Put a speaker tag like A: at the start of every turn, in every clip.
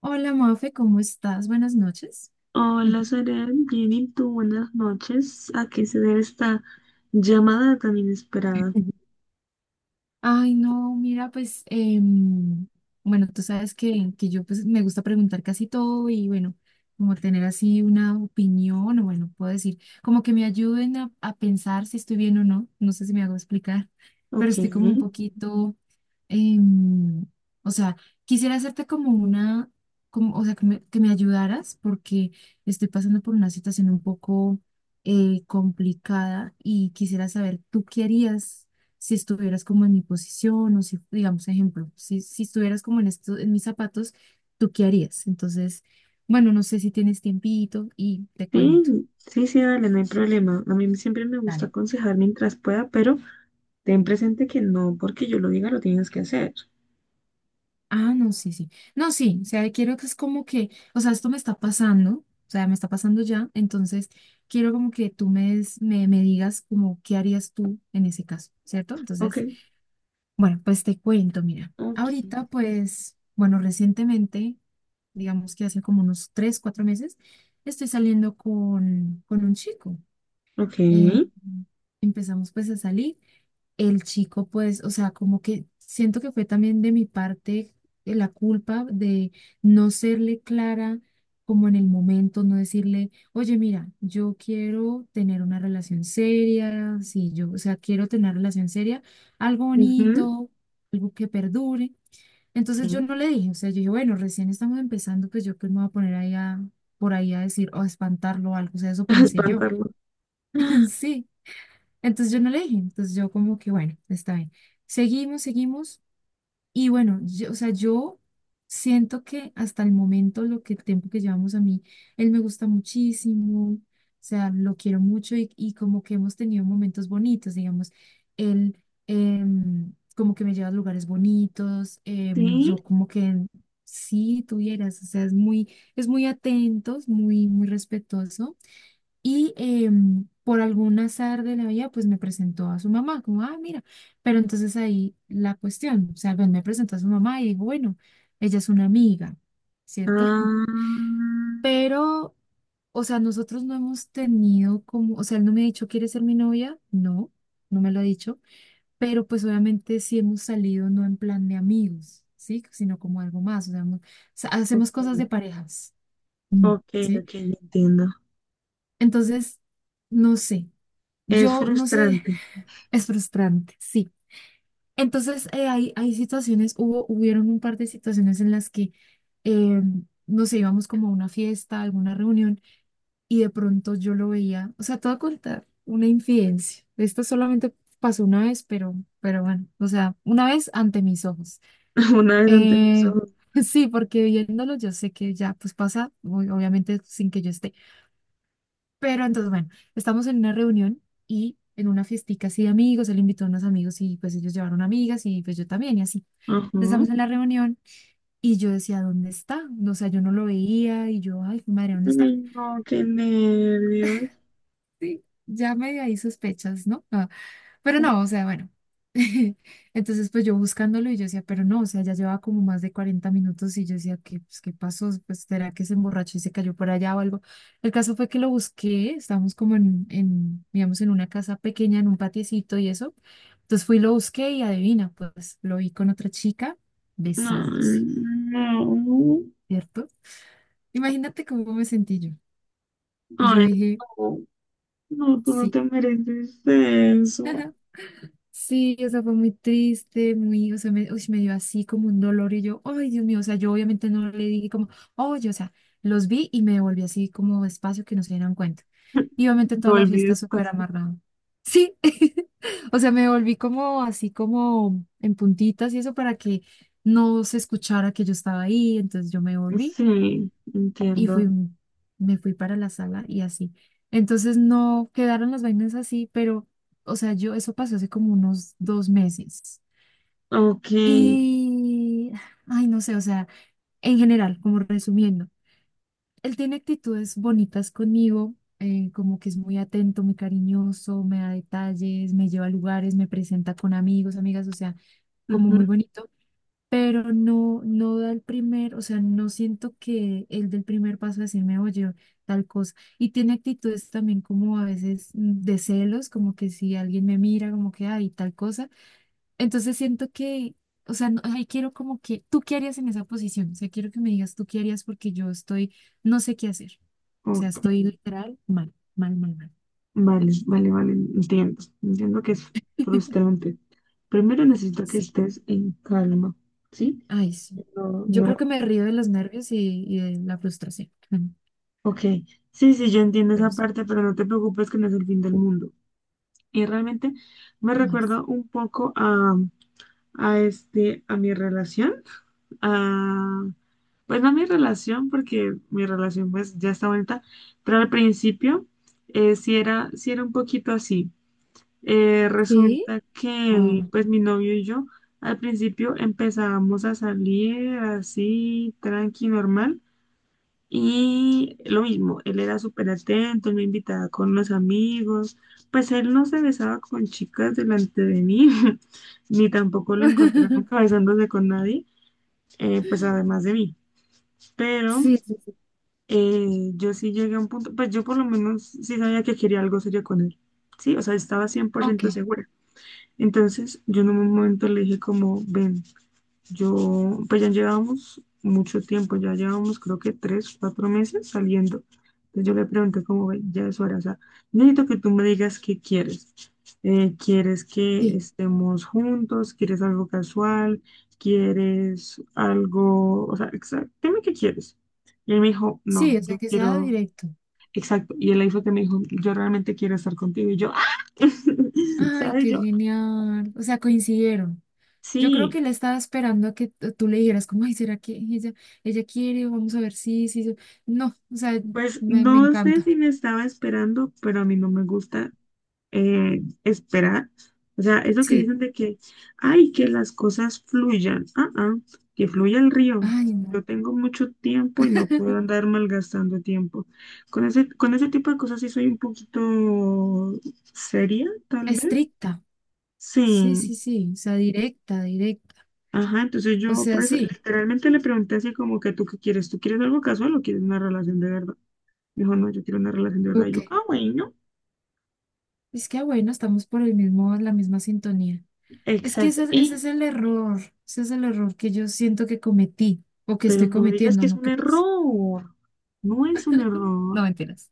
A: Hola Mafe, ¿cómo estás? Buenas noches.
B: Hola, Serén, bien y tú, buenas noches. ¿A qué se debe esta llamada tan inesperada?
A: Ujú. Ay, no, mira, pues, bueno, tú sabes que yo pues me gusta preguntar casi todo y bueno, como tener así una opinión o bueno, puedo decir, como que me ayuden a pensar si estoy bien o no, no sé si me hago explicar, pero
B: Ok,
A: estoy como un
B: sí,
A: poquito, em, o sea, quisiera hacerte como una, como, o sea, que me ayudaras porque estoy pasando por una situación un poco complicada y quisiera saber, ¿tú qué harías? Si estuvieras como en mi posición o si, digamos, ejemplo, si estuvieras como en esto, en mis zapatos, ¿tú qué harías? Entonces, bueno, no sé si tienes tiempito y te cuento.
B: sí, sí, dale, no hay problema. A mí siempre me gusta
A: Dale.
B: aconsejar mientras pueda, pero ten presente que no porque yo lo diga lo tienes que hacer.
A: Ah, no, sí, sí. No, sí, o sea, quiero que es como que, o sea, esto me está pasando, o sea, me está pasando ya, entonces quiero como que me, me digas como qué harías tú en ese caso, ¿cierto?
B: Ok,
A: Entonces, bueno, pues te cuento, mira,
B: ok,
A: ahorita pues, bueno, recientemente digamos que hace como unos tres, cuatro meses, estoy saliendo con un chico.
B: ok,
A: Eh, empezamos pues a salir. El chico pues, o sea, como que siento que fue también de mi parte la culpa de no serle clara como en el momento, no decirle, oye, mira, yo quiero tener una relación seria, sí, yo, o sea, quiero tener una relación seria, algo
B: ujú,
A: bonito, algo que perdure. Entonces yo
B: sí,
A: no le dije, o sea, yo dije, bueno, recién estamos empezando, pues yo pues me voy a poner ahí a, por ahí a decir, o a espantarlo o algo, o sea, eso pensé yo.
B: espantarlo.
A: Sí, entonces yo no le dije, entonces yo como que, bueno, está bien. Seguimos, seguimos. Y bueno, yo, o sea, yo siento que hasta el momento, lo que el tiempo que llevamos a mí, él me gusta muchísimo, o sea, lo quiero mucho y como que hemos tenido momentos bonitos, digamos, él como que me lleva a lugares bonitos,
B: Sí,
A: yo como que sí tuvieras, o sea, es muy atento, es muy, muy respetuoso. Y por algún azar de la vida, pues me presentó a su mamá, como, ah, mira, pero entonces ahí la cuestión, o sea, pues me presentó a su mamá y digo, bueno, ella es una amiga, ¿cierto?
B: ah,
A: Pero, o sea, nosotros no hemos tenido como, o sea, él no me ha dicho, ¿quieres ser mi novia? No, no me lo ha dicho, pero pues obviamente sí hemos salido no en plan de amigos, ¿sí? Sino como algo más, o sea, hemos- o sea, hacemos
B: ok,
A: cosas de parejas, mm,
B: ok,
A: ¿sí?
B: ok, entiendo.
A: Entonces, no sé,
B: Es
A: yo no sé,
B: frustrante.
A: es frustrante, sí. Entonces, hay situaciones, hubo, hubieron un par de situaciones en las que, eh, no sé, íbamos como a una fiesta, a alguna reunión, y de pronto yo lo veía, o sea, te voy a contar una infidencia. Esto solamente pasó una vez, pero bueno, o sea, una vez ante mis ojos.
B: Una vez antes de eso,
A: Eh, sí, porque viéndolo yo sé que ya, pues pasa, obviamente sin que yo esté pero entonces, bueno, estamos en una reunión y en una fiestica así de amigos, él invitó a unos amigos y pues ellos llevaron amigas y pues yo también y así. Entonces,
B: ajá.
A: estamos en la reunión y yo decía, ¿dónde está? O sea, yo no lo veía y yo, ay, madre, ¿dónde está?
B: Ay, no, qué nervios.
A: Sí, ya medio ahí sospechas, ¿no? Ah, pero no, o sea, bueno. Entonces, pues yo buscándolo y yo decía, pero no, o sea, ya llevaba como más de 40 minutos y yo decía, ¿qué, pues, qué pasó? Pues será que se emborrachó y se cayó por allá o algo. El caso fue que lo busqué, estábamos como digamos, en una casa pequeña, en un patiecito y eso. Entonces fui y lo busqué y adivina, pues lo vi con otra chica
B: No,
A: besándose,
B: no.
A: ¿cierto? Imagínate cómo me sentí yo. Yo
B: Ay,
A: dije,
B: no. No, tú no
A: sí.
B: te mereces eso.
A: Sí, o sea, fue muy triste, muy, o sea, me, uy, me dio así como un dolor y yo, ay, Dios mío, o sea, yo obviamente no le dije como, oye, o sea, los vi y me devolví así como espacio que no se dieran cuenta. Y obviamente
B: No
A: toda la fiesta
B: olvides
A: súper
B: pasar.
A: amarrada. Sí, o sea, me volví como así como en puntitas y eso para que no se escuchara que yo estaba ahí, entonces yo me volví
B: Sí,
A: y fui,
B: entiendo.
A: me fui para la sala y así. Entonces no quedaron las vainas así, pero, o sea, yo, eso pasó hace como unos dos meses.
B: Ok.
A: Y, ay, no sé, o sea, en general, como resumiendo, él tiene actitudes bonitas conmigo, como que es muy atento, muy cariñoso, me da detalles, me lleva a lugares, me presenta con amigos, amigas, o sea, como muy
B: Ujú,
A: bonito pero no, no da el primer, o sea, no siento que él del primer paso a decirme, oye, tal cosa. Y tiene actitudes también como a veces mm, de celos, como que si alguien me mira, como que, ay, tal cosa. Entonces siento que, o sea, no, ay, quiero como que, ¿tú qué harías en esa posición? O sea, quiero que me digas, ¿tú qué harías? Porque yo estoy, no sé qué hacer. O sea,
B: ok.
A: estoy literal mal, mal, mal, mal.
B: Vale, vale, vale. Entiendo. Entiendo que es frustrante. Primero necesito que
A: Sí,
B: estés en calma. ¿Sí?
A: ay, sí.
B: No,
A: Yo
B: no.
A: creo que me río de los nervios y de la frustración. Bueno,
B: Ok. Sí, sí, yo entiendo
A: pero
B: esa
A: sí.
B: parte, pero no te preocupes que no es el fin del mundo. Y realmente me
A: Ay,
B: recuerda
A: sí.
B: un poco a este, a mi relación, a, pues no a mi relación, porque mi relación pues ya está bonita, pero al principio sí era un poquito así.
A: ¿Sí?
B: Resulta que
A: Oh.
B: pues mi novio y yo al principio empezábamos a salir así, tranqui, normal. Y lo mismo, él era súper atento, él me invitaba con los amigos, pues él no se besaba con chicas delante de mí, ni tampoco lo encontré nunca besándose con nadie, pues además de mí. Pero
A: Sí, sí, sí.
B: yo sí llegué a un punto, pues yo por lo menos sí sabía que quería algo serio con él, sí, o sea, estaba cien por
A: Ok,
B: ciento segura. Entonces yo en un momento le dije como, ven. Yo, pues ya llevábamos mucho tiempo, ya llevábamos creo que 3, 4 meses saliendo. Entonces yo le pregunté como, "Ve, ya es hora, o sea, necesito que tú me digas qué quieres. ¿Quieres que
A: sí.
B: estemos juntos? ¿Quieres algo casual? ¿Quieres algo? O sea, exacto, dime qué quieres. Y él me dijo, no,
A: Sí, o
B: yo
A: sea, que sea
B: quiero,
A: directo.
B: exacto. Y él ahí fue que me dijo, yo realmente quiero estar contigo. Y yo, ¡ah!
A: Ay,
B: ¿sabes?
A: qué
B: Yo,
A: genial. O sea, coincidieron. Yo creo
B: sí.
A: que él estaba esperando a que tú le dijeras, como, ay, ¿será que ella quiere? Vamos a ver si, sí, sí. No, o sea,
B: Pues
A: me
B: no sé
A: encanta.
B: si me estaba esperando, pero a mí no me gusta esperar. O sea, eso que
A: Sí.
B: dicen de que, ay, que las cosas fluyan. Que fluya el río.
A: Ay,
B: Yo
A: no.
B: tengo mucho tiempo y no puedo andar malgastando tiempo. Con ese tipo de cosas sí soy un poquito seria, tal vez.
A: Estricta. Sí,
B: Sí.
A: sí, sí. O sea, directa, directa.
B: Ajá, entonces
A: O
B: yo
A: sea,
B: por eso
A: sí.
B: literalmente le pregunté así como que tú qué quieres, ¿tú quieres algo casual o quieres una relación de verdad? Dijo, no, yo quiero una relación de verdad. Y
A: Ok.
B: yo, ah, bueno.
A: Es que, ah, bueno, estamos por el mismo, la misma sintonía. Es que
B: Exacto.
A: ese
B: Y,
A: es el error, ese es el error que yo siento que cometí o que
B: pero
A: estoy
B: no digas
A: cometiendo,
B: que es
A: ¿no
B: un
A: crees?
B: error. No es un
A: No,
B: error.
A: mentiras.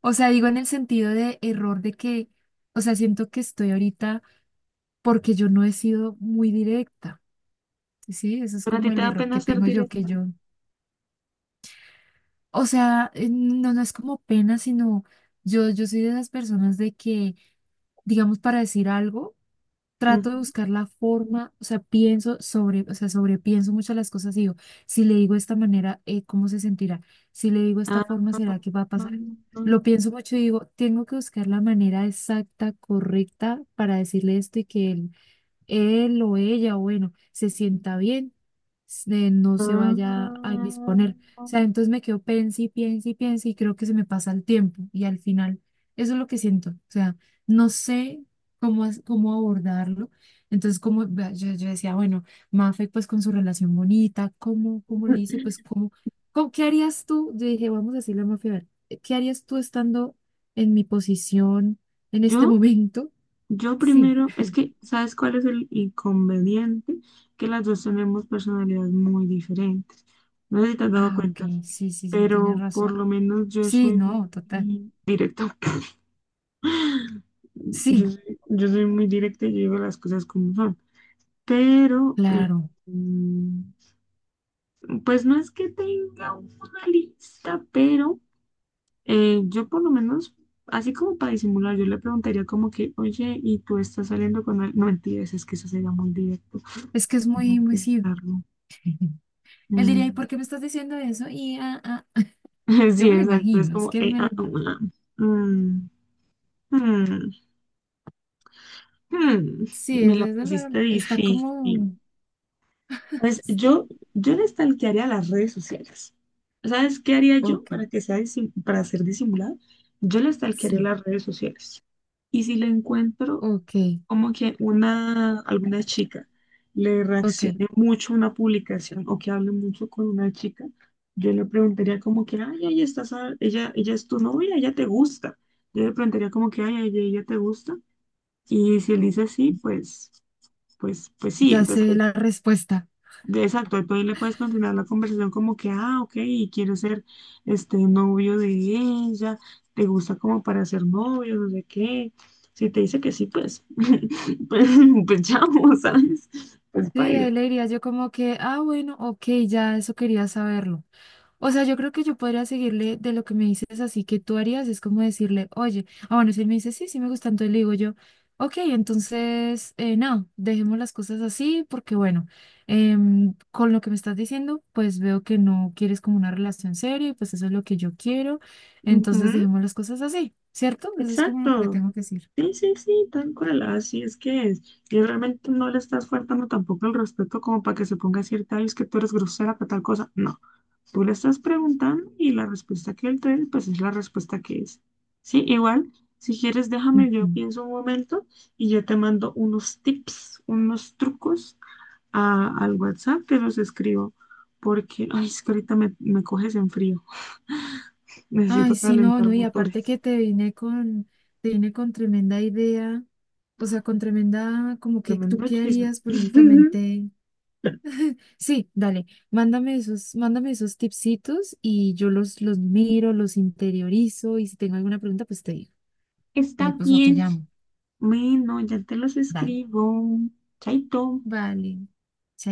A: O sea, digo en el sentido de error de que, o sea, siento que estoy ahorita porque yo no he sido muy directa, ¿sí? Eso es
B: ¿Pero a ti
A: como
B: te
A: el
B: da
A: error que
B: pena ser
A: tengo yo, que
B: directa?
A: yo, o sea, no, no es como pena, sino yo soy de esas personas de que, digamos, para decir algo. Trato de
B: Ujú.
A: buscar la forma, o sea, pienso sobre, o sea, sobrepienso muchas las cosas y digo, si le digo de esta manera, ¿cómo se sentirá? Si le digo de esta
B: Ah,
A: forma, ¿será que va a pasar? Lo pienso mucho y digo, tengo que buscar la manera exacta, correcta para decirle esto y que él o ella, bueno, se sienta bien, no se vaya a indisponer. O
B: ah.
A: sea, entonces me quedo pensando y pienso y pienso y creo que se me pasa el tiempo y al final eso es lo que siento. O sea, no sé cómo, cómo abordarlo. Entonces, como vea, yo decía, bueno, Mafe, pues con su relación bonita, ¿cómo le hice? Pues, ¿qué harías tú? Yo dije, vamos a decirle a Mafe, a ver, ¿qué harías tú estando en mi posición en este
B: Yo,
A: momento?
B: yo
A: Sí.
B: primero, es que, ¿sabes cuál es el inconveniente? Que las dos tenemos personalidades muy diferentes. No sé si te has dado
A: Ah, ok,
B: cuenta,
A: sí, sí, sí, tienes
B: pero por
A: razón.
B: lo menos yo
A: Sí,
B: soy
A: no, total.
B: muy directa.
A: Sí,
B: Yo soy muy directa y yo digo las cosas como son. Pero
A: claro.
B: mm, pues no es que tenga una lista, pero yo por lo menos, así como para disimular, yo le preguntaría como que, oye, ¿y tú estás saliendo con él? No mentiras, es que eso sería muy directo.
A: Es que es
B: Déjame
A: muy, muy sí.
B: pensarlo.
A: Él diría, ¿y
B: Mm,
A: por qué me estás diciendo eso? Y ah, ah, ah". Yo
B: sí,
A: me lo
B: exacto, es
A: imagino, es
B: como,
A: que me lo imagino.
B: mm, mm, mm,
A: Sí,
B: me la
A: es
B: pusiste
A: de está
B: difícil.
A: como.
B: Pues
A: Sí,
B: yo le stalkearía las redes sociales. ¿Sabes qué haría yo
A: ok,
B: para ser disimulado? Yo le stalkearía
A: sí,
B: las redes sociales. Y si le encuentro
A: ok,
B: como que alguna chica le
A: ok.
B: reaccione mucho a una publicación o que hable mucho con una chica, yo le preguntaría como que, ay, ella, ella es tu novia, ella te gusta. Yo le preguntaría como que, ay, ella te gusta. Y si él dice sí, pues sí.
A: Ya
B: Entonces
A: sé la respuesta.
B: exacto, tú ahí le puedes continuar la conversación como que, ah, ok, quiero ser este novio de ella, te gusta como para ser novio, no sé qué. Si te dice que sí, pues, pues, pues chao, ¿sabes? Pues
A: Sí,
B: baila.
A: ahí le diría yo como que, ah, bueno, ok, ya eso quería saberlo. O sea, yo creo que yo podría seguirle de lo que me dices así que tú harías, es como decirle, oye, ah, bueno, si él me dice, sí, sí me gusta, entonces le digo yo, ok, entonces, no, dejemos las cosas así porque, bueno, con lo que me estás diciendo, pues veo que no quieres como una relación seria y pues eso es lo que yo quiero, entonces dejemos las cosas así, ¿cierto? Eso es como lo que le
B: Exacto.
A: tengo que decir.
B: Sí, sí, sí, tal cual. Así es que es. Y realmente no le estás faltando tampoco el respeto como para que se ponga a decirte, "Ay, es que tú eres grosera para tal cosa. No. Tú le estás preguntando y la respuesta que él te dé, pues es la respuesta que es. Sí, igual, si quieres, déjame,
A: Ujú.
B: yo pienso un momento y yo te mando unos tips, unos trucos al WhatsApp, te los escribo. Porque, ay, es que ahorita me coges en frío. Necesito
A: Ay, sí, no,
B: calentar
A: no, y
B: motores.
A: aparte que te vine con tremenda idea, o sea, con tremenda, como que tú
B: Tremendo
A: qué
B: chisme.
A: harías, pues lógicamente, sí, dale, mándame esos tipsitos y yo los miro, los interiorizo y si tengo alguna pregunta, pues te digo, y ahí
B: Está
A: pues o te
B: bien.
A: llamo,
B: Bueno, ya te los
A: dale,
B: escribo. Chaito.
A: vale, chaito.